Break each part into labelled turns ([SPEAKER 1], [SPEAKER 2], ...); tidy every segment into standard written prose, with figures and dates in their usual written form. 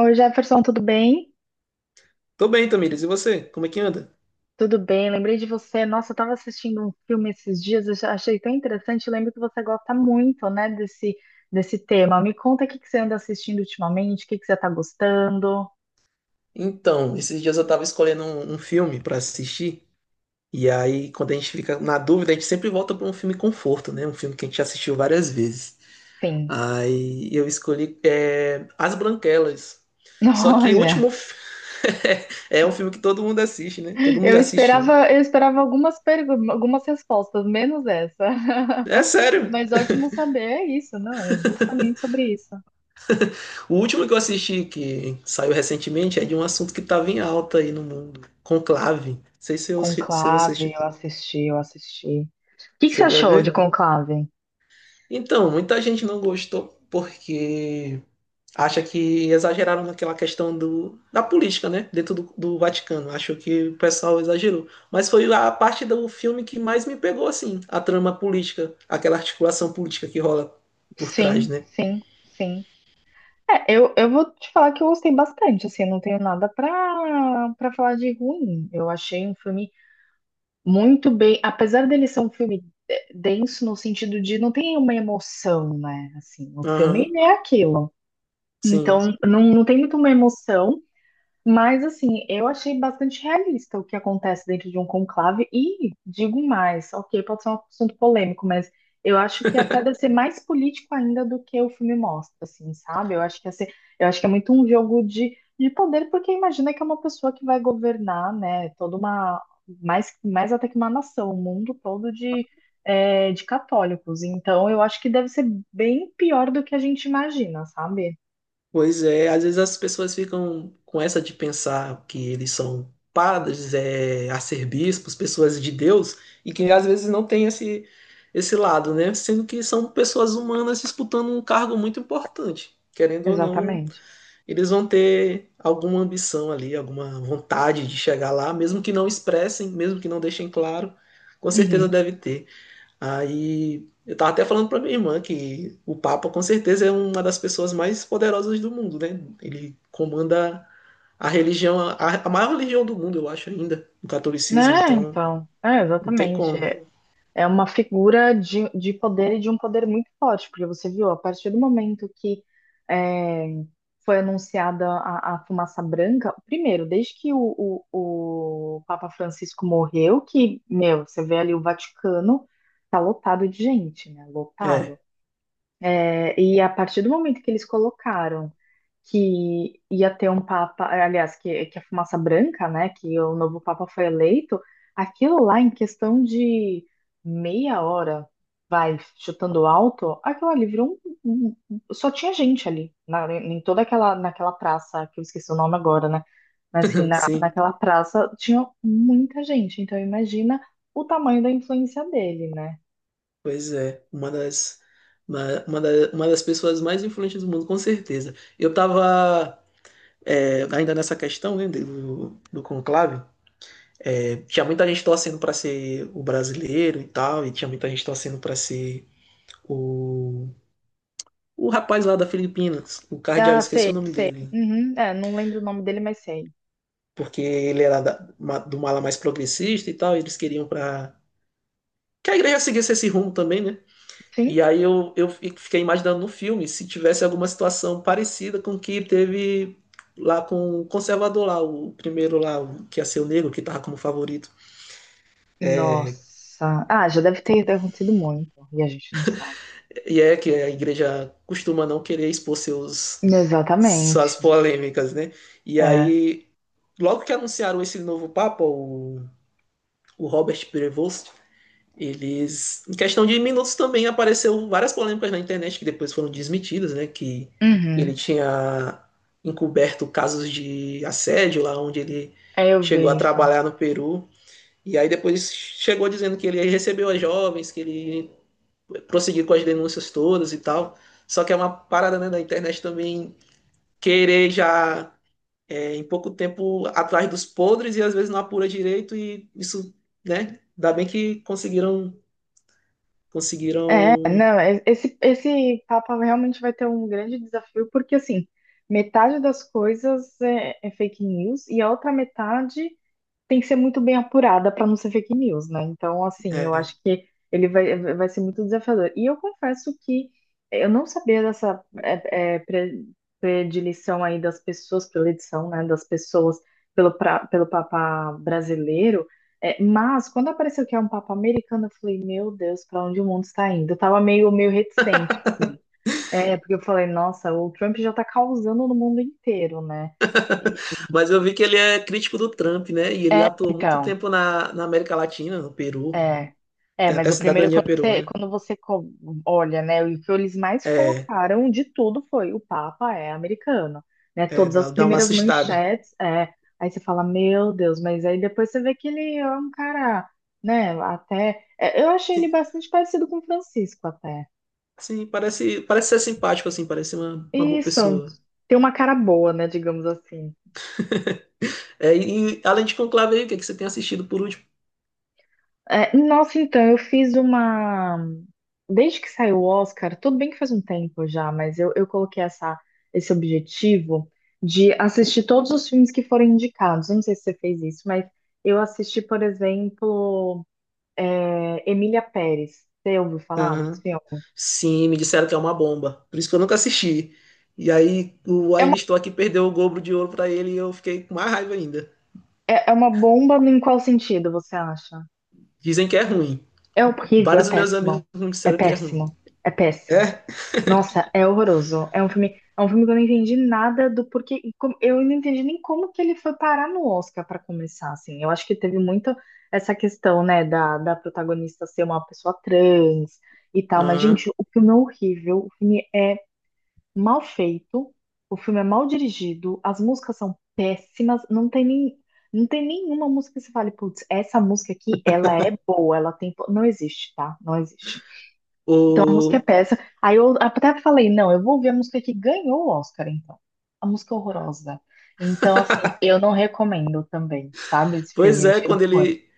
[SPEAKER 1] Oi, Jefferson, tudo bem?
[SPEAKER 2] Tô bem, Tamires. E você? Como é que anda?
[SPEAKER 1] Tudo bem, lembrei de você. Nossa, eu estava assistindo um filme esses dias, eu já achei tão interessante. Lembro que você gosta muito, né, desse tema. Me conta o que que você anda assistindo ultimamente, o que que você está gostando.
[SPEAKER 2] Então, esses dias eu tava escolhendo um filme pra assistir. E aí, quando a gente fica na dúvida, a gente sempre volta pra um filme conforto, né? Um filme que a gente já assistiu várias vezes.
[SPEAKER 1] Sim.
[SPEAKER 2] Aí eu escolhi As Branquelas. Só que o
[SPEAKER 1] Olha,
[SPEAKER 2] último fi- é um filme que todo mundo assiste, né? Todo mundo
[SPEAKER 1] eu
[SPEAKER 2] já assistiu.
[SPEAKER 1] esperava, eu esperava algumas perguntas, algumas respostas, menos essa.
[SPEAKER 2] É sério.
[SPEAKER 1] Mas ótimo saber, é isso, não? É justamente sobre isso.
[SPEAKER 2] O último que eu assisti, que saiu recentemente, é de um assunto que tava em alta aí no mundo. Conclave. Não sei se, eu, se você
[SPEAKER 1] Conclave, eu assisti, eu assisti. O que que você
[SPEAKER 2] chegou a
[SPEAKER 1] achou de
[SPEAKER 2] ver.
[SPEAKER 1] Conclave?
[SPEAKER 2] Então, muita gente não gostou porque acha que exageraram naquela questão da política, né? Dentro do Vaticano. Acho que o pessoal exagerou. Mas foi a parte do filme que mais me pegou, assim, a trama política, aquela articulação política que rola por trás,
[SPEAKER 1] Sim,
[SPEAKER 2] né?
[SPEAKER 1] sim, sim. É, eu vou te falar que eu gostei bastante, assim, eu não tenho nada pra falar de ruim. Eu achei um filme muito bem, apesar dele ser um filme denso no sentido de não tem uma emoção, né? Assim, o filme
[SPEAKER 2] Aham,
[SPEAKER 1] ele é aquilo. Então,
[SPEAKER 2] sim.
[SPEAKER 1] não tem muito uma emoção, mas, assim, eu achei bastante realista o que acontece dentro de um conclave. E digo mais, ok, pode ser um assunto polêmico, mas eu acho que até deve ser mais político ainda do que o filme mostra, assim, sabe? Eu acho que é muito um jogo de poder, porque imagina que é uma pessoa que vai governar, né, toda uma, mais até que uma nação, o mundo todo de católicos. Então, eu acho que deve ser bem pior do que a gente imagina, sabe?
[SPEAKER 2] Pois é, às vezes as pessoas ficam com essa de pensar que eles são padres, é, arcebispos, pessoas de Deus, e que às vezes não tem esse lado, né? Sendo que são pessoas humanas disputando um cargo muito importante. Querendo ou não,
[SPEAKER 1] Exatamente.
[SPEAKER 2] eles vão ter alguma ambição ali, alguma vontade de chegar lá, mesmo que não expressem, mesmo que não deixem claro, com certeza deve ter. Aí eu tava até falando pra minha irmã que o Papa com certeza é uma das pessoas mais poderosas do mundo, né? Ele comanda a religião, a maior religião do mundo, eu acho ainda, o catolicismo,
[SPEAKER 1] Né,
[SPEAKER 2] então
[SPEAKER 1] então,
[SPEAKER 2] não tem
[SPEAKER 1] exatamente.
[SPEAKER 2] como.
[SPEAKER 1] É uma figura de poder e de um poder muito forte, porque você viu, a partir do momento que é, foi anunciada a fumaça branca, primeiro, desde que o Papa Francisco morreu, que, meu, você vê ali o Vaticano tá lotado de gente, né? Lotado.
[SPEAKER 2] É,
[SPEAKER 1] É, e a partir do momento que eles colocaram que ia ter um papa, aliás, que a fumaça branca, né, que o novo papa foi eleito, aquilo lá em questão de meia hora, vai chutando alto, aquilo ali virou um, só tinha gente ali, em naquela praça, que eu esqueci o nome agora, né, mas assim, na,
[SPEAKER 2] sim,
[SPEAKER 1] naquela praça tinha muita gente, então imagina o tamanho da influência dele, né.
[SPEAKER 2] pois é, uma das uma das pessoas mais influentes do mundo, com certeza. Eu tava ainda nessa questão, né, do conclave, é, tinha muita gente torcendo para ser o brasileiro e tal, e tinha muita gente torcendo para ser o, o rapaz lá da Filipinas, o cardeal,
[SPEAKER 1] Ah,
[SPEAKER 2] esqueci
[SPEAKER 1] sei,
[SPEAKER 2] o nome
[SPEAKER 1] sei.
[SPEAKER 2] dele,
[SPEAKER 1] Uhum, não lembro o nome dele, mas sei.
[SPEAKER 2] porque ele era da, ma- do mala mais progressista e tal, eles queriam para que a igreja seguisse esse rumo também, né? E
[SPEAKER 1] Sim.
[SPEAKER 2] aí eu fiquei imaginando no filme se tivesse alguma situação parecida com o que teve lá com o conservador lá, o primeiro lá, o que ia ser o negro, que tava como favorito.
[SPEAKER 1] Nossa. Ah, já deve ter acontecido muito. E a gente não sabe.
[SPEAKER 2] E é que a igreja costuma não querer expor seus,
[SPEAKER 1] Exatamente.
[SPEAKER 2] suas polêmicas, né? E
[SPEAKER 1] É.
[SPEAKER 2] aí, logo que anunciaram esse novo papa, o Robert Prevost, eles, em questão de minutos também apareceu várias polêmicas na internet que depois foram desmentidas, né? Que ele
[SPEAKER 1] Uhum.
[SPEAKER 2] tinha encoberto casos de assédio lá onde ele
[SPEAKER 1] É, eu
[SPEAKER 2] chegou a
[SPEAKER 1] vejo.
[SPEAKER 2] trabalhar no Peru. E aí depois chegou dizendo que ele recebeu as jovens, que ele prosseguiu com as denúncias todas e tal. Só que é uma parada né, da internet também querer já é, em pouco tempo atrás dos podres e às vezes não apura direito e isso, né? Ainda bem que conseguiram,
[SPEAKER 1] É,
[SPEAKER 2] conseguiram.
[SPEAKER 1] não, esse Papa realmente vai ter um grande desafio, porque assim, metade das coisas é fake news e a outra metade. Tem que ser muito bem apurada para não ser fake news, né? Então, assim, eu
[SPEAKER 2] É.
[SPEAKER 1] acho que ele vai ser muito desafiador. E eu confesso que eu não sabia dessa predileção aí das pessoas, predileção, né, das pessoas pelo Papa brasileiro. É, mas quando apareceu que é um Papa americano, eu falei, meu Deus, para onde o mundo está indo? Eu tava meio, meio reticente, assim. É, porque eu falei, nossa, o Trump já tá causando no mundo inteiro, né?
[SPEAKER 2] Mas eu vi que ele é crítico do Trump, né? E ele
[SPEAKER 1] É,
[SPEAKER 2] atuou muito
[SPEAKER 1] então.
[SPEAKER 2] tempo na América Latina, no Peru.
[SPEAKER 1] É,
[SPEAKER 2] Tem
[SPEAKER 1] mas
[SPEAKER 2] até
[SPEAKER 1] o primeiro,
[SPEAKER 2] cidadania peruana.
[SPEAKER 1] olha, né, o que eles mais
[SPEAKER 2] É,
[SPEAKER 1] colocaram de tudo foi o Papa é americano, né,
[SPEAKER 2] é,
[SPEAKER 1] todas as
[SPEAKER 2] dá uma
[SPEAKER 1] primeiras
[SPEAKER 2] assustada.
[SPEAKER 1] manchetes. Aí você fala, meu Deus, mas aí depois você vê que ele é um cara, né, até, eu achei ele bastante parecido com o Francisco até,
[SPEAKER 2] Sim, parece, parece ser simpático, assim, parece uma boa
[SPEAKER 1] isso,
[SPEAKER 2] pessoa.
[SPEAKER 1] tem uma cara boa, né, digamos assim.
[SPEAKER 2] É, e além de Conclave aí, o que, é que você tem assistido por último?
[SPEAKER 1] É, nossa, então, eu fiz uma. Desde que saiu o Oscar, tudo bem que faz um tempo já, mas eu coloquei esse objetivo de assistir todos os filmes que foram indicados. Eu não sei se você fez isso, mas eu assisti, por exemplo, Emília Pérez. Você ouviu falar desse
[SPEAKER 2] Aham.
[SPEAKER 1] filme?
[SPEAKER 2] Sim, me disseram que é uma bomba. Por isso que eu nunca assisti. E aí o
[SPEAKER 1] É
[SPEAKER 2] Ainda
[SPEAKER 1] uma,
[SPEAKER 2] Estou Aqui perdeu o Globo de Ouro pra ele e eu fiquei com mais raiva ainda.
[SPEAKER 1] é uma bomba em qual sentido você acha?
[SPEAKER 2] Dizem que é ruim.
[SPEAKER 1] É horrível, é
[SPEAKER 2] Vários dos meus amigos
[SPEAKER 1] péssimo.
[SPEAKER 2] me
[SPEAKER 1] É
[SPEAKER 2] disseram que é ruim.
[SPEAKER 1] péssimo, é péssimo.
[SPEAKER 2] É?
[SPEAKER 1] Nossa, é horroroso. É um filme que eu não entendi nada do porquê. Eu não entendi nem como que ele foi parar no Oscar para começar, assim. Eu acho que teve muito essa questão, né, da protagonista ser uma pessoa trans e tal. Mas,
[SPEAKER 2] Aham.
[SPEAKER 1] gente, o filme é horrível. O filme é mal feito. O filme é mal dirigido. As músicas são péssimas. Não tem nenhuma música que você fale, putz, essa música aqui, ela é boa, ela tem. Não existe, tá? Não existe, a música é
[SPEAKER 2] O...
[SPEAKER 1] péssima. Aí eu até falei, não, eu vou ver a música que ganhou o Oscar, então. A música é horrorosa. Então, assim, eu não recomendo também, sabe? Esse filme,
[SPEAKER 2] Pois
[SPEAKER 1] eu
[SPEAKER 2] é,
[SPEAKER 1] achei muito ruim.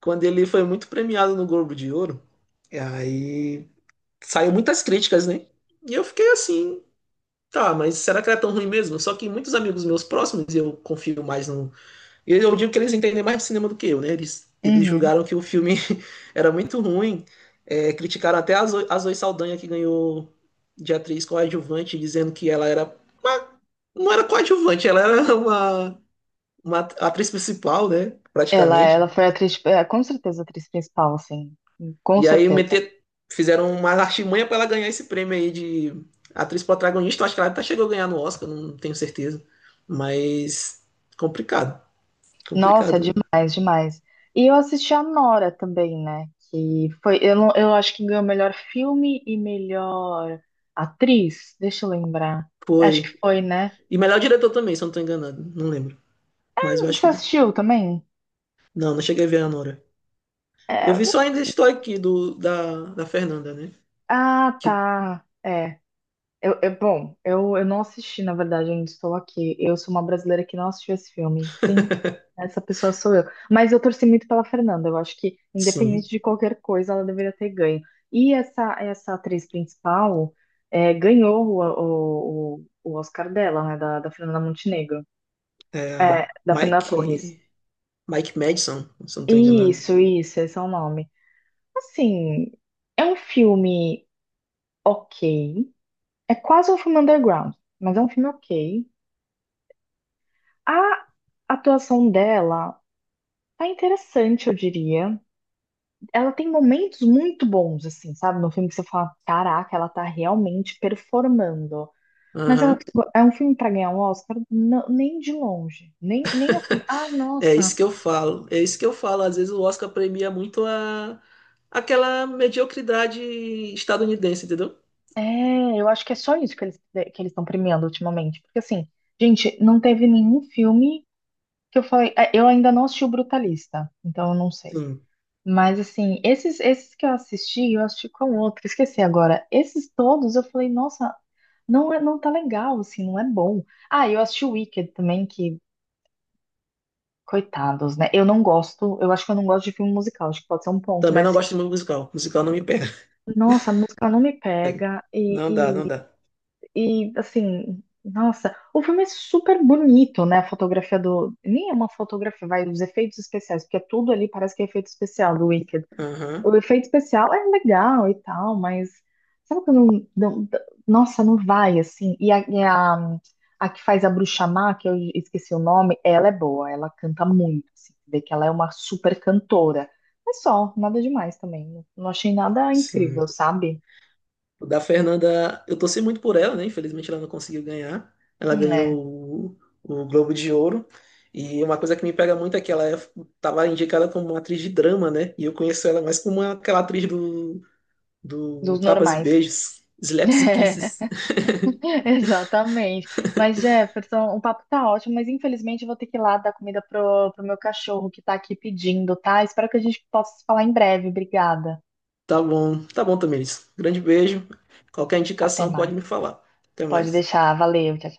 [SPEAKER 2] quando ele foi muito premiado no Globo de Ouro, e aí saiu muitas críticas, né? E eu fiquei assim, tá, mas será que era tão ruim mesmo? Só que muitos amigos meus próximos, e eu confio mais no, e eu digo que eles entendem mais de cinema do que eu, né? Eles
[SPEAKER 1] Uhum.
[SPEAKER 2] julgaram que o filme era muito ruim, é, criticaram até a Zoe Saldanha, que ganhou de atriz coadjuvante, dizendo que ela era. Uma- não era coadjuvante, ela era uma atriz principal, né?
[SPEAKER 1] Ela,
[SPEAKER 2] Praticamente.
[SPEAKER 1] ela foi a atriz, com certeza, a atriz principal, assim. Com
[SPEAKER 2] E aí
[SPEAKER 1] certeza.
[SPEAKER 2] meter, fizeram uma artimanha para ela ganhar esse prêmio aí de atriz protagonista. Eu acho que ela até chegou a ganhar no Oscar, não tenho certeza. Mas complicado,
[SPEAKER 1] Nossa, é
[SPEAKER 2] complicado.
[SPEAKER 1] demais, demais. E eu assisti a Nora também, né? Que foi, eu, não- eu acho que ganhou melhor filme e melhor atriz. Deixa eu lembrar. Acho que
[SPEAKER 2] Foi.
[SPEAKER 1] foi, né?
[SPEAKER 2] E melhor diretor também, se eu não tô enganado. Não lembro. Mas eu acho
[SPEAKER 1] Você
[SPEAKER 2] que.
[SPEAKER 1] assistiu também?
[SPEAKER 2] Não, não cheguei a ver a Nora. Eu vi só ainda estou aqui do, da Fernanda, né?
[SPEAKER 1] Ah,
[SPEAKER 2] Que
[SPEAKER 1] tá. É. Bom, eu não assisti, na verdade, ainda estou aqui. Eu sou uma brasileira que não assistiu esse filme. Sim, essa pessoa sou eu. Mas eu torci muito pela Fernanda. Eu acho que,
[SPEAKER 2] sim.
[SPEAKER 1] independente de qualquer coisa, ela deveria ter ganho. E essa atriz principal ganhou o Oscar dela, né? Da Fernanda Montenegro.
[SPEAKER 2] É a
[SPEAKER 1] É, da Fernanda Torres.
[SPEAKER 2] Mike. Mike Madison, se eu não tô enganado.
[SPEAKER 1] Isso, esse é o nome. Assim, é um filme ok. É quase um filme underground, mas é um filme ok. A atuação dela tá interessante, eu diria. Ela tem momentos muito bons, assim, sabe? No filme que você fala, caraca, ela tá realmente performando. Mas é, um,
[SPEAKER 2] Aham.
[SPEAKER 1] é um filme pra ganhar um Oscar? Não, nem de longe. Nem,
[SPEAKER 2] É isso que eu falo. É isso que eu falo. Às vezes o Oscar premia muito a aquela mediocridade estadunidense, entendeu?
[SPEAKER 1] eu acho que é só isso que eles estão premiando ultimamente. Porque assim, gente, não teve nenhum filme que eu falei. Eu ainda não assisti o Brutalista, então eu não sei.
[SPEAKER 2] Sim.
[SPEAKER 1] Mas assim, esses que eu assisti com outro, esqueci agora. Esses todos eu falei, nossa, não é, não tá legal, assim, não é bom. Ah, eu assisti o Wicked também, que coitados, né? Eu não gosto, eu acho que eu não gosto de filme musical, acho que pode ser um ponto,
[SPEAKER 2] Também não
[SPEAKER 1] mas
[SPEAKER 2] gosto de musical. Musical não me pega.
[SPEAKER 1] nossa, a música não me pega e,
[SPEAKER 2] Não dá,
[SPEAKER 1] e,
[SPEAKER 2] não dá.
[SPEAKER 1] e assim, nossa, o filme é super bonito, né? A fotografia do, nem é uma fotografia, vai os efeitos especiais, porque é tudo ali parece que é efeito especial do Wicked.
[SPEAKER 2] Aham.
[SPEAKER 1] O efeito especial é legal e tal, mas sabe quando nossa, não vai assim. E a que faz a Bruxa Má, que eu esqueci o nome, ela é boa, ela canta muito, assim, vê que ela é uma super cantora. Mas só, nada demais também. Não achei nada incrível,
[SPEAKER 2] Sim.
[SPEAKER 1] sabe?
[SPEAKER 2] O da Fernanda, eu torci muito por ela, né? Infelizmente ela não conseguiu ganhar. Ela
[SPEAKER 1] É,
[SPEAKER 2] ganhou o Globo de Ouro. E uma coisa que me pega muito é que ela estava indicada como uma atriz de drama, né? E eu conheço ela mais como aquela atriz do, do
[SPEAKER 1] dos
[SPEAKER 2] Tapas e
[SPEAKER 1] normais.
[SPEAKER 2] Beijos, Slaps e Kisses.
[SPEAKER 1] Exatamente. Mas, Jefferson, o papo tá ótimo, mas infelizmente eu vou ter que ir lá dar comida pro meu cachorro que tá aqui pedindo, tá? Espero que a gente possa se falar em breve. Obrigada.
[SPEAKER 2] Tá bom, Tamiris. Grande beijo. Qualquer
[SPEAKER 1] Até
[SPEAKER 2] indicação pode
[SPEAKER 1] mais.
[SPEAKER 2] me falar. Até
[SPEAKER 1] Pode
[SPEAKER 2] mais.
[SPEAKER 1] deixar. Valeu. Tchau,